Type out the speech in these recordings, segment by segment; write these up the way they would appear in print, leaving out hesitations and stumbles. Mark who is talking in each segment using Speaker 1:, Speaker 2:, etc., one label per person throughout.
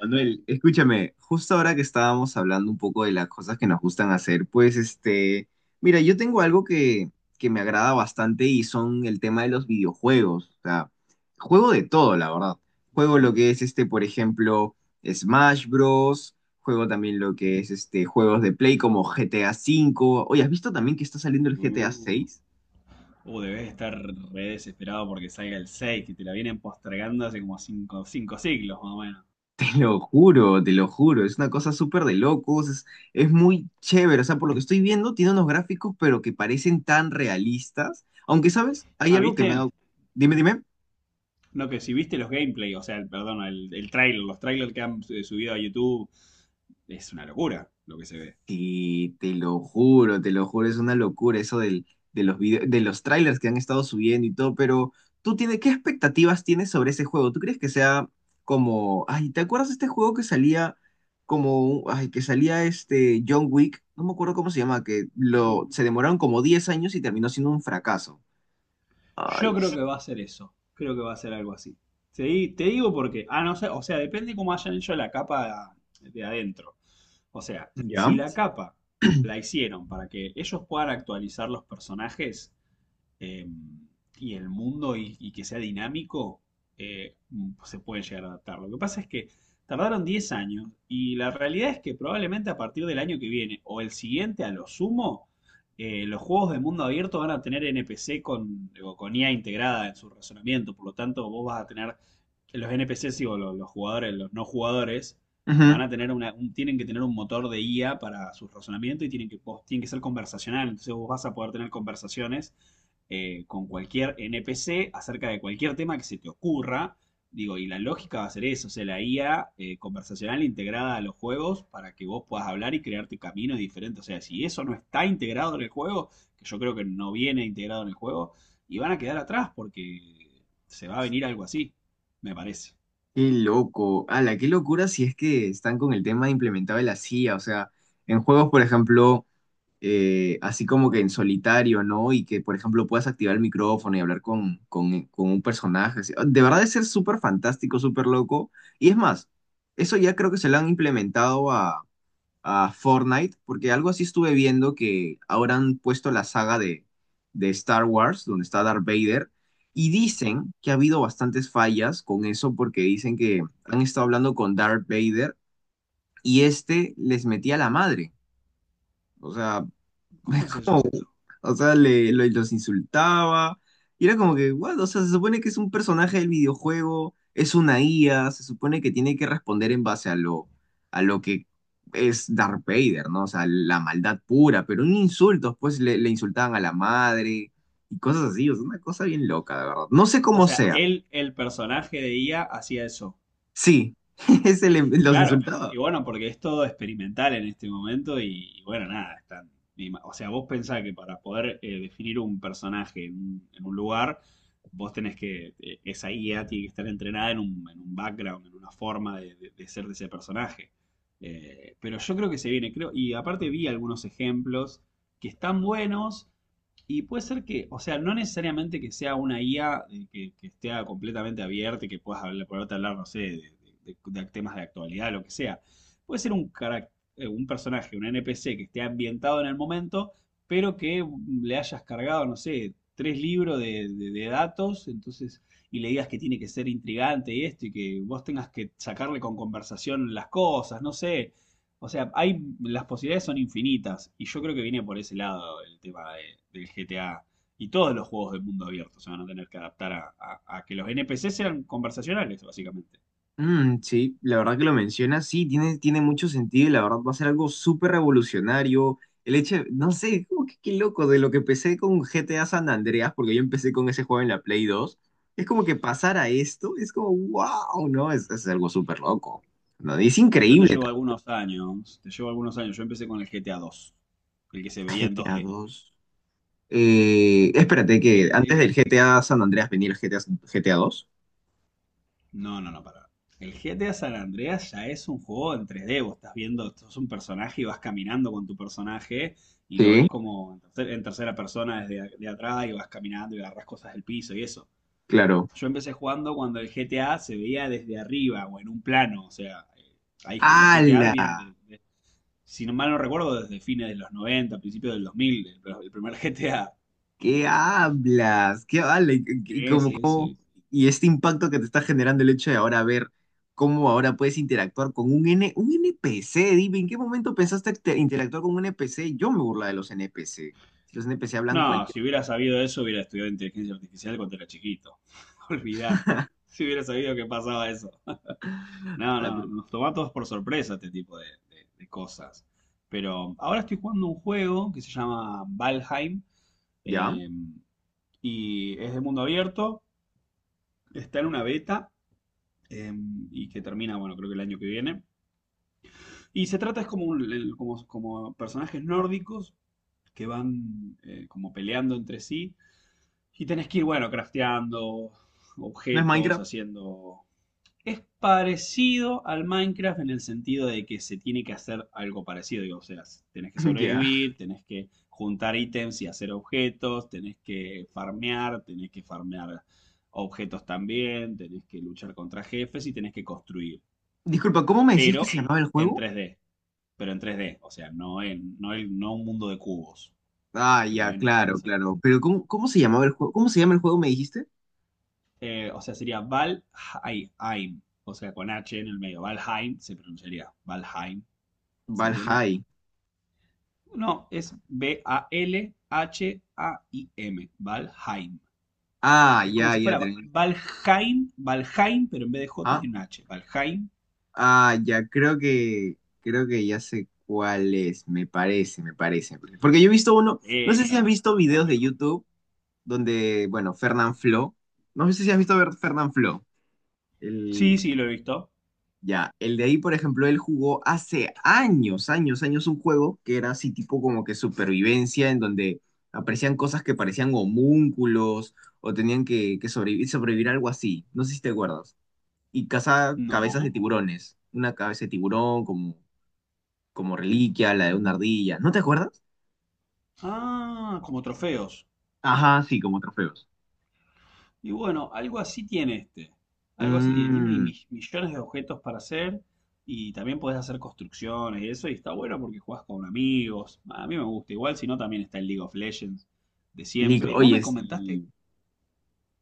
Speaker 1: Manuel, escúchame, justo ahora que estábamos hablando un poco de las cosas que nos gustan hacer, pues mira, yo tengo algo que me agrada bastante y son el tema de los videojuegos. O sea, juego de todo, la verdad. Juego
Speaker 2: Mm.
Speaker 1: lo que es por ejemplo, Smash Bros. Juego también lo que es juegos de Play como GTA V. Oye, ¿has visto también que está saliendo el GTA
Speaker 2: Uh.
Speaker 1: VI?
Speaker 2: Debes estar re desesperado porque salga el 6 que te la vienen postergando hace como cinco siglos más o menos.
Speaker 1: Te lo juro, es una cosa súper de locos, es muy chévere, o sea, por lo que estoy viendo, tiene unos gráficos pero que parecen tan realistas, aunque, ¿sabes? Hay
Speaker 2: Ah,
Speaker 1: algo que me
Speaker 2: ¿viste?
Speaker 1: ha... Dime, dime.
Speaker 2: No, que si viste los gameplay, o sea, el trailer, los trailers que han subido a YouTube, es una locura lo que se ve.
Speaker 1: Sí, te lo juro, es una locura eso de los trailers que han estado subiendo y todo, pero ¿qué expectativas tienes sobre ese juego? ¿Tú crees que sea como, ay, te acuerdas de este juego que salía como, ay, que salía este John Wick? No me acuerdo cómo se llama,
Speaker 2: Mm.
Speaker 1: se demoraron como 10 años y terminó siendo un fracaso. Ay,
Speaker 2: Yo creo que va a ser eso. Creo que va a ser algo así. Te digo porque, no sé, o sea, depende cómo hayan hecho la capa de adentro. O sea, si
Speaker 1: ¿ya?
Speaker 2: la capa la hicieron para que ellos puedan actualizar los personajes, eh, y el mundo y que sea dinámico, eh, se pueden llegar a adaptar. Lo que pasa es que tardaron 10 años y la realidad es que probablemente a partir del año que viene o el siguiente a lo sumo, los juegos de mundo abierto van a tener NPC con, digo, con IA integrada en su razonamiento, por lo tanto vos vas a tener los NPCs, digo, los jugadores, los no jugadores, van
Speaker 1: Ujú.
Speaker 2: a tener tienen que tener un motor de IA para su razonamiento y tienen que, tienen que ser conversacional. Entonces vos vas a poder tener conversaciones con cualquier NPC acerca de cualquier tema que se te ocurra. Digo, y la lógica va a ser eso, o sea, la IA conversacional integrada a los juegos para que vos puedas hablar y crearte caminos diferentes. O sea, si eso no está integrado en el juego, que yo creo que no viene integrado en el juego, y van a quedar atrás porque se va a venir algo así me parece.
Speaker 1: Qué loco, ala, qué locura si es que están con el tema implementado de la C I A, o sea, en juegos, por ejemplo... así como que en solitario, ¿no? Y que, por ejemplo, puedas activar el micrófono y hablar con un personaje. Así. De verdad es ser súper fantástico, súper loco. Y es más, eso ya creo que se lo han implementado a Fortnite, porque algo así estuve viendo que ahora han puesto la saga de Star Wars, donde está Darth Vader. Y dicen que ha habido bastantes fallas con eso porque dicen que han estado hablando con Darth Vader y este les metía la madre. O sea,
Speaker 2: ¿Cómo es eso?
Speaker 1: Los insultaba. Y era como que, ¿what? O sea, se supone que es un personaje del videojuego, es una IA, se supone que tiene que responder en base a lo que es Darth Vader, ¿no? O sea, la maldad pura, pero un insulto, pues le insultaban a la madre y cosas así, o sea, una cosa bien loca, de verdad. No sé
Speaker 2: O
Speaker 1: cómo
Speaker 2: sea,
Speaker 1: sea.
Speaker 2: él, el personaje de IA, hacía eso.
Speaker 1: Sí, ese los
Speaker 2: Claro,
Speaker 1: insultaba.
Speaker 2: y bueno, porque es todo experimental en este momento y bueno, nada, están... y o sea, vos pensás que para poder definir un personaje en un lugar, vos tenés que, esa IA tiene que estar entrenada en un background, en una forma de, de ser de ese personaje. Pero yo creo que se viene, creo, y aparte vi algunos ejemplos que están buenos. Y puede ser que, o sea, no necesariamente que sea una IA que esté completamente abierta y que puedas hablar, poderte hablar, no sé, de, de temas de actualidad, lo que sea. Puede ser un, un personaje, un NPC que esté ambientado en el momento, pero que le hayas cargado, no sé, tres libros de, de datos, entonces, y le digas que tiene que ser intrigante y esto, y que vos tengas que sacarle con conversación las cosas, no sé. O sea, hay, las posibilidades son infinitas y yo creo que viene por ese lado el tema del GTA y todos los juegos del mundo abierto se van a tener que adaptar a, a que los NPC sean conversacionales, básicamente.
Speaker 1: Mm, sí, la verdad que lo mencionas, sí, tiene mucho sentido y la verdad va a ser algo súper revolucionario. El hecho, no sé, como que qué loco, de lo que empecé con GTA San Andreas, porque yo empecé con ese juego en la Play 2, es como que pasar a esto, es como, wow, ¿no? Es algo súper loco, ¿no? Y es
Speaker 2: Y yo te
Speaker 1: increíble
Speaker 2: llevo algunos años, te llevo algunos años, yo empecé con el GTA 2, el que se veía
Speaker 1: también,
Speaker 2: en
Speaker 1: GTA
Speaker 2: 2D.
Speaker 1: 2. Espérate que
Speaker 2: El
Speaker 1: antes
Speaker 2: que
Speaker 1: del GTA San Andreas venía el GTA, GTA 2.
Speaker 2: No, no, no, para. El GTA San Andreas ya es un juego en 3D. Vos estás viendo, sos un personaje y vas caminando con tu personaje y lo ves
Speaker 1: Sí,
Speaker 2: como en, en tercera persona desde de atrás y vas caminando y agarras cosas del piso y eso.
Speaker 1: claro.
Speaker 2: Yo empecé jugando cuando el GTA se veía desde arriba o en un plano. O sea, hay los GTA
Speaker 1: ¡Hala!
Speaker 2: vienen de, si no mal no recuerdo, desde fines de los 90, principios del 2000, el primer GTA.
Speaker 1: ¿Qué hablas? ¿Qué vale? ¿Y
Speaker 2: Ese, ese.
Speaker 1: y este impacto que te está generando el hecho de ahora ver cómo ahora puedes interactuar con un NPC? Dime, ¿en qué momento pensaste interactuar con un NPC? Yo me burla de los NPC. Los NPC hablan
Speaker 2: No,
Speaker 1: cualquier...
Speaker 2: si hubiera sabido eso, hubiera estudiado inteligencia artificial cuando era chiquito. Olvídate. Si hubiera sabido que pasaba eso. No,
Speaker 1: palabra,
Speaker 2: no,
Speaker 1: pero-
Speaker 2: nos toma a todos por sorpresa este tipo de, de cosas. Pero ahora estoy jugando un juego que se llama Valheim,
Speaker 1: ¿Ya?
Speaker 2: eh, y es de mundo abierto. Está en una beta eh, y que termina, bueno, creo que el año que viene. Y se trata es como, como, como personajes nórdicos que van como peleando entre sí. Y tenés que ir, bueno, crafteando
Speaker 1: ¿No es
Speaker 2: objetos,
Speaker 1: Minecraft?
Speaker 2: haciendo... Es parecido al Minecraft en el sentido de que se tiene que hacer algo parecido. Digo, o sea, tenés que
Speaker 1: Ya.
Speaker 2: sobrevivir, tenés que juntar ítems y hacer objetos, tenés que farmear objetos también, tenés que luchar contra jefes y tenés que construir.
Speaker 1: Disculpa, ¿cómo me decías que se
Speaker 2: Pero
Speaker 1: llamaba el
Speaker 2: en
Speaker 1: juego?
Speaker 2: 3D, pero en 3D, o sea, no en, no un mundo de cubos,
Speaker 1: Ah,
Speaker 2: que por
Speaker 1: ya,
Speaker 2: ahí no, no
Speaker 1: claro,
Speaker 2: sé.
Speaker 1: claro. Pero ¿cómo se llamaba el juego? ¿Cómo se llama el juego, me dijiste?
Speaker 2: O sea, sería Valheim. O sea, con H en el medio. Valheim se pronunciaría Valheim. ¿Se entiende?
Speaker 1: Valheim.
Speaker 2: No, es B-A-L-H-A-I-M. Valheim.
Speaker 1: Ah,
Speaker 2: Es como
Speaker 1: ya,
Speaker 2: si
Speaker 1: ya. Te...
Speaker 2: fuera Valheim, Valheim, pero en vez de J tiene un H. Valheim.
Speaker 1: Ah, ya, creo que ya sé cuál es, me parece, me parece. Porque yo he visto uno, no
Speaker 2: Eh,
Speaker 1: sé si has
Speaker 2: está,
Speaker 1: visto
Speaker 2: está
Speaker 1: videos de
Speaker 2: bueno.
Speaker 1: YouTube donde, bueno, Fernán Flo, no sé si has visto ver Fernán Flo, el,
Speaker 2: Sí, sí, lo he visto.
Speaker 1: ya, el de ahí, por ejemplo, él jugó hace años, años, años un juego que era así tipo como que supervivencia, en donde aparecían cosas que parecían homúnculos o tenían que sobrevivir, sobrevivir algo así, no sé si te acuerdas, y caza cabezas de
Speaker 2: No.
Speaker 1: tiburones. Una cabeza de tiburón, como reliquia, la de una
Speaker 2: Mm.
Speaker 1: ardilla. ¿No te acuerdas?
Speaker 2: Ah, como trofeos.
Speaker 1: Ajá, sí, como trofeos.
Speaker 2: Y bueno, algo así tiene este. Algo así tiene. Tiene
Speaker 1: Mmm.
Speaker 2: millones de objetos para hacer y también podés hacer construcciones y eso. Y está bueno porque jugás con amigos. A mí me gusta. Igual si no, también está el League of Legends de siempre. Y vos me
Speaker 1: Oye,
Speaker 2: comentaste,
Speaker 1: sí.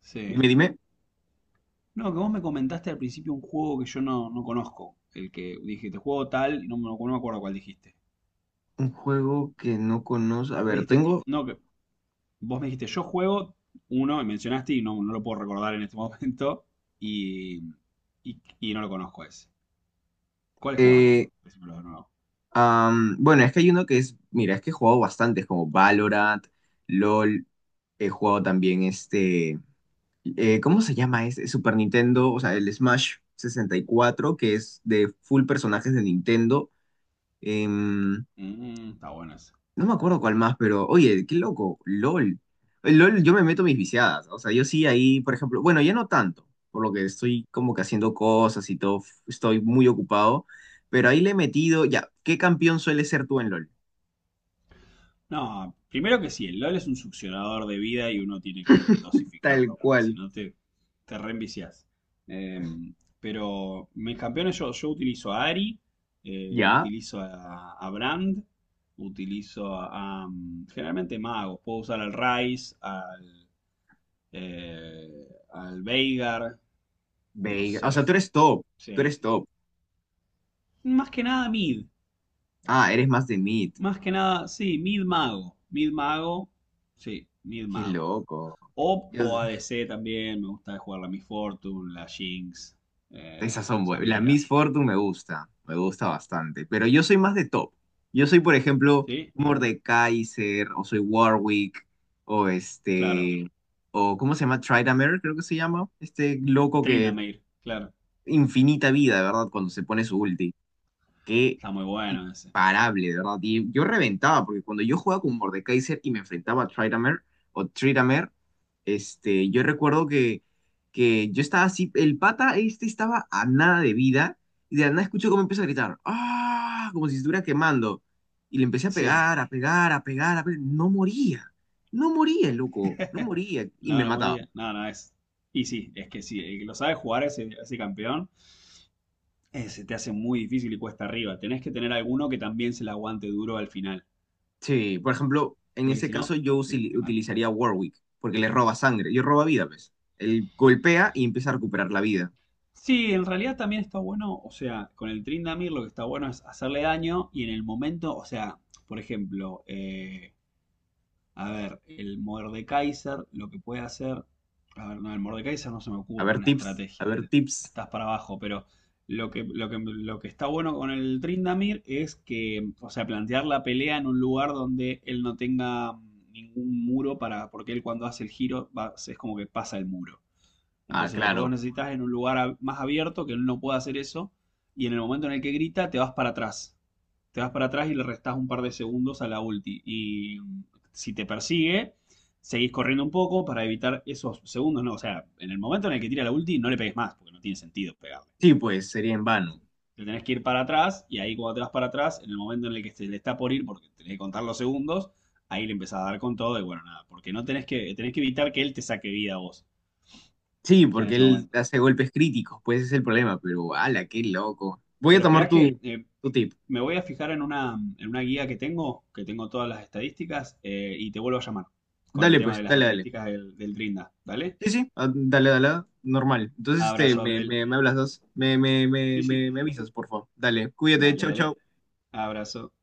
Speaker 2: sí.
Speaker 1: Dime, dime.
Speaker 2: No, que vos me comentaste al principio un juego que yo no, no conozco. El que dijiste, juego tal, y no, no me acuerdo cuál dijiste.
Speaker 1: Un juego que no conozco. A
Speaker 2: Me
Speaker 1: ver,
Speaker 2: dijiste,
Speaker 1: tengo.
Speaker 2: no, que vos me dijiste, yo juego uno, y mencionaste, y no, no lo puedo recordar en este momento, y, y no lo conozco ese. ¿Cuál jugás vos?
Speaker 1: eh,
Speaker 2: Decímelo de nuevo.
Speaker 1: bueno, es que hay uno que es. Mira, es que he jugado bastantes, como Valorant, LOL. He jugado también este. ¿Cómo se llama? Es, Super Nintendo, o sea, el Smash 64, que es de full personajes de Nintendo. em,
Speaker 2: Está bueno eso.
Speaker 1: No me acuerdo cuál más, pero oye, qué loco, LOL. El LOL, yo me meto mis viciadas. O sea, yo sí ahí, por ejemplo, bueno, ya no tanto, por lo que estoy como que haciendo cosas y todo, estoy muy ocupado, pero ahí le he metido, ya, ¿qué campeón suele ser tú en LOL?
Speaker 2: No, primero que sí, el LOL es un succionador de vida y uno tiene que
Speaker 1: Tal
Speaker 2: dosificarlo, porque si
Speaker 1: cual,
Speaker 2: no te, te reenviciás. Eh, pero mis campeones, yo utilizo a Ari,
Speaker 1: ya,
Speaker 2: utilizo a Brand, utilizo a, generalmente magos. Puedo usar al Rice, al, al Veigar, no
Speaker 1: Veiga. O sea, tú
Speaker 2: sé.
Speaker 1: eres top, tú
Speaker 2: Sí.
Speaker 1: eres top.
Speaker 2: Más que nada mid.
Speaker 1: Ah, eres más de mid.
Speaker 2: Más que nada, sí, mid mago. Mid mago, sí, mid
Speaker 1: Qué
Speaker 2: mago.
Speaker 1: loco. Dios.
Speaker 2: O ADC también, me gusta jugar la Miss Fortune, la Jinx,
Speaker 1: Esas
Speaker 2: eh,
Speaker 1: son buenas. La
Speaker 2: Samira.
Speaker 1: Miss Fortune me gusta bastante. Pero yo soy más de top. Yo soy, por ejemplo,
Speaker 2: Sí,
Speaker 1: Mordekaiser, o soy Warwick, o
Speaker 2: claro.
Speaker 1: este, o ¿cómo se llama? Tryndamere, creo que se llama. Este loco que
Speaker 2: Tryndamere, claro.
Speaker 1: infinita vida, ¿verdad? Cuando se pone su ulti. Qué
Speaker 2: Está muy bueno ese.
Speaker 1: imparable, de verdad. Y yo reventaba, porque cuando yo jugaba con Mordekaiser y me enfrentaba a Tryndamere o Tryndamere, este, yo recuerdo que yo estaba así, el pata este estaba a nada de vida, y de la nada escucho cómo empieza a gritar, ¡ah!, como si estuviera quemando. Y le empecé a
Speaker 2: Sí.
Speaker 1: pegar, a pegar, a pegar, a pegar. No moría, no moría, loco, no moría. Y
Speaker 2: No,
Speaker 1: me
Speaker 2: no
Speaker 1: mataba.
Speaker 2: moría. No, no es. Y sí, es que sí, el que lo sabe jugar ese, ese campeón, se te hace muy difícil y cuesta arriba. Tenés que tener alguno que también se la aguante duro al final,
Speaker 1: Sí, por ejemplo, en
Speaker 2: porque
Speaker 1: ese
Speaker 2: si
Speaker 1: caso
Speaker 2: no,
Speaker 1: yo
Speaker 2: te, te mata.
Speaker 1: utilizaría Warwick, porque le roba sangre. Yo roba vida, ves. Él golpea y empieza a recuperar la vida.
Speaker 2: Sí, en realidad también está bueno, o sea, con el Trindamir lo que está bueno es hacerle daño y en el momento, o sea, por ejemplo, a ver, el Mordekaiser lo que puede hacer, a ver, no, el Mordekaiser no se me
Speaker 1: A
Speaker 2: ocurre
Speaker 1: ver,
Speaker 2: una
Speaker 1: tips, a
Speaker 2: estrategia,
Speaker 1: ver, tips.
Speaker 2: estás para abajo, pero lo que está bueno con el Trindamir es que, o sea, plantear la pelea en un lugar donde él no tenga ningún muro para, porque él cuando hace el giro es como que pasa el muro.
Speaker 1: Ah,
Speaker 2: Entonces lo que vos
Speaker 1: claro.
Speaker 2: necesitas es en un lugar más abierto que él no pueda hacer eso y en el momento en el que grita te vas para atrás. Te vas para atrás y le restás un par de segundos a la ulti. Y si te persigue, seguís corriendo un poco para evitar esos segundos. No, o sea, en el momento en el que tira la ulti no le pegues más porque no tiene sentido pegarle.
Speaker 1: Sí, pues sería en
Speaker 2: Te
Speaker 1: vano.
Speaker 2: tenés que ir para atrás y ahí cuando te vas para atrás, en el momento en el que se le está por ir porque tenés que contar los segundos, ahí le empezás a dar con todo y bueno, nada, porque no tenés que, tenés que evitar que él te saque vida a vos
Speaker 1: Sí,
Speaker 2: en
Speaker 1: porque
Speaker 2: ese
Speaker 1: él
Speaker 2: momento.
Speaker 1: hace golpes críticos, pues ese es el problema, pero ala, qué loco. Voy a
Speaker 2: Pero
Speaker 1: tomar
Speaker 2: espera que
Speaker 1: tu, tu tip.
Speaker 2: me voy a fijar en una guía que tengo todas las estadísticas, y te vuelvo a llamar con el
Speaker 1: Dale,
Speaker 2: tema
Speaker 1: pues,
Speaker 2: de las
Speaker 1: dale, dale.
Speaker 2: estadísticas del, del Drinda. ¿Dale?
Speaker 1: Sí, sí, ah, dale, dale, normal. Entonces, este,
Speaker 2: Abrazo,
Speaker 1: me,
Speaker 2: Abdel.
Speaker 1: me, me hablas dos. Me, me, me,
Speaker 2: Sí, sí.
Speaker 1: me, me avisas, por favor. Dale, cuídate,
Speaker 2: Dale,
Speaker 1: chau,
Speaker 2: dale.
Speaker 1: chau.
Speaker 2: Abrazo.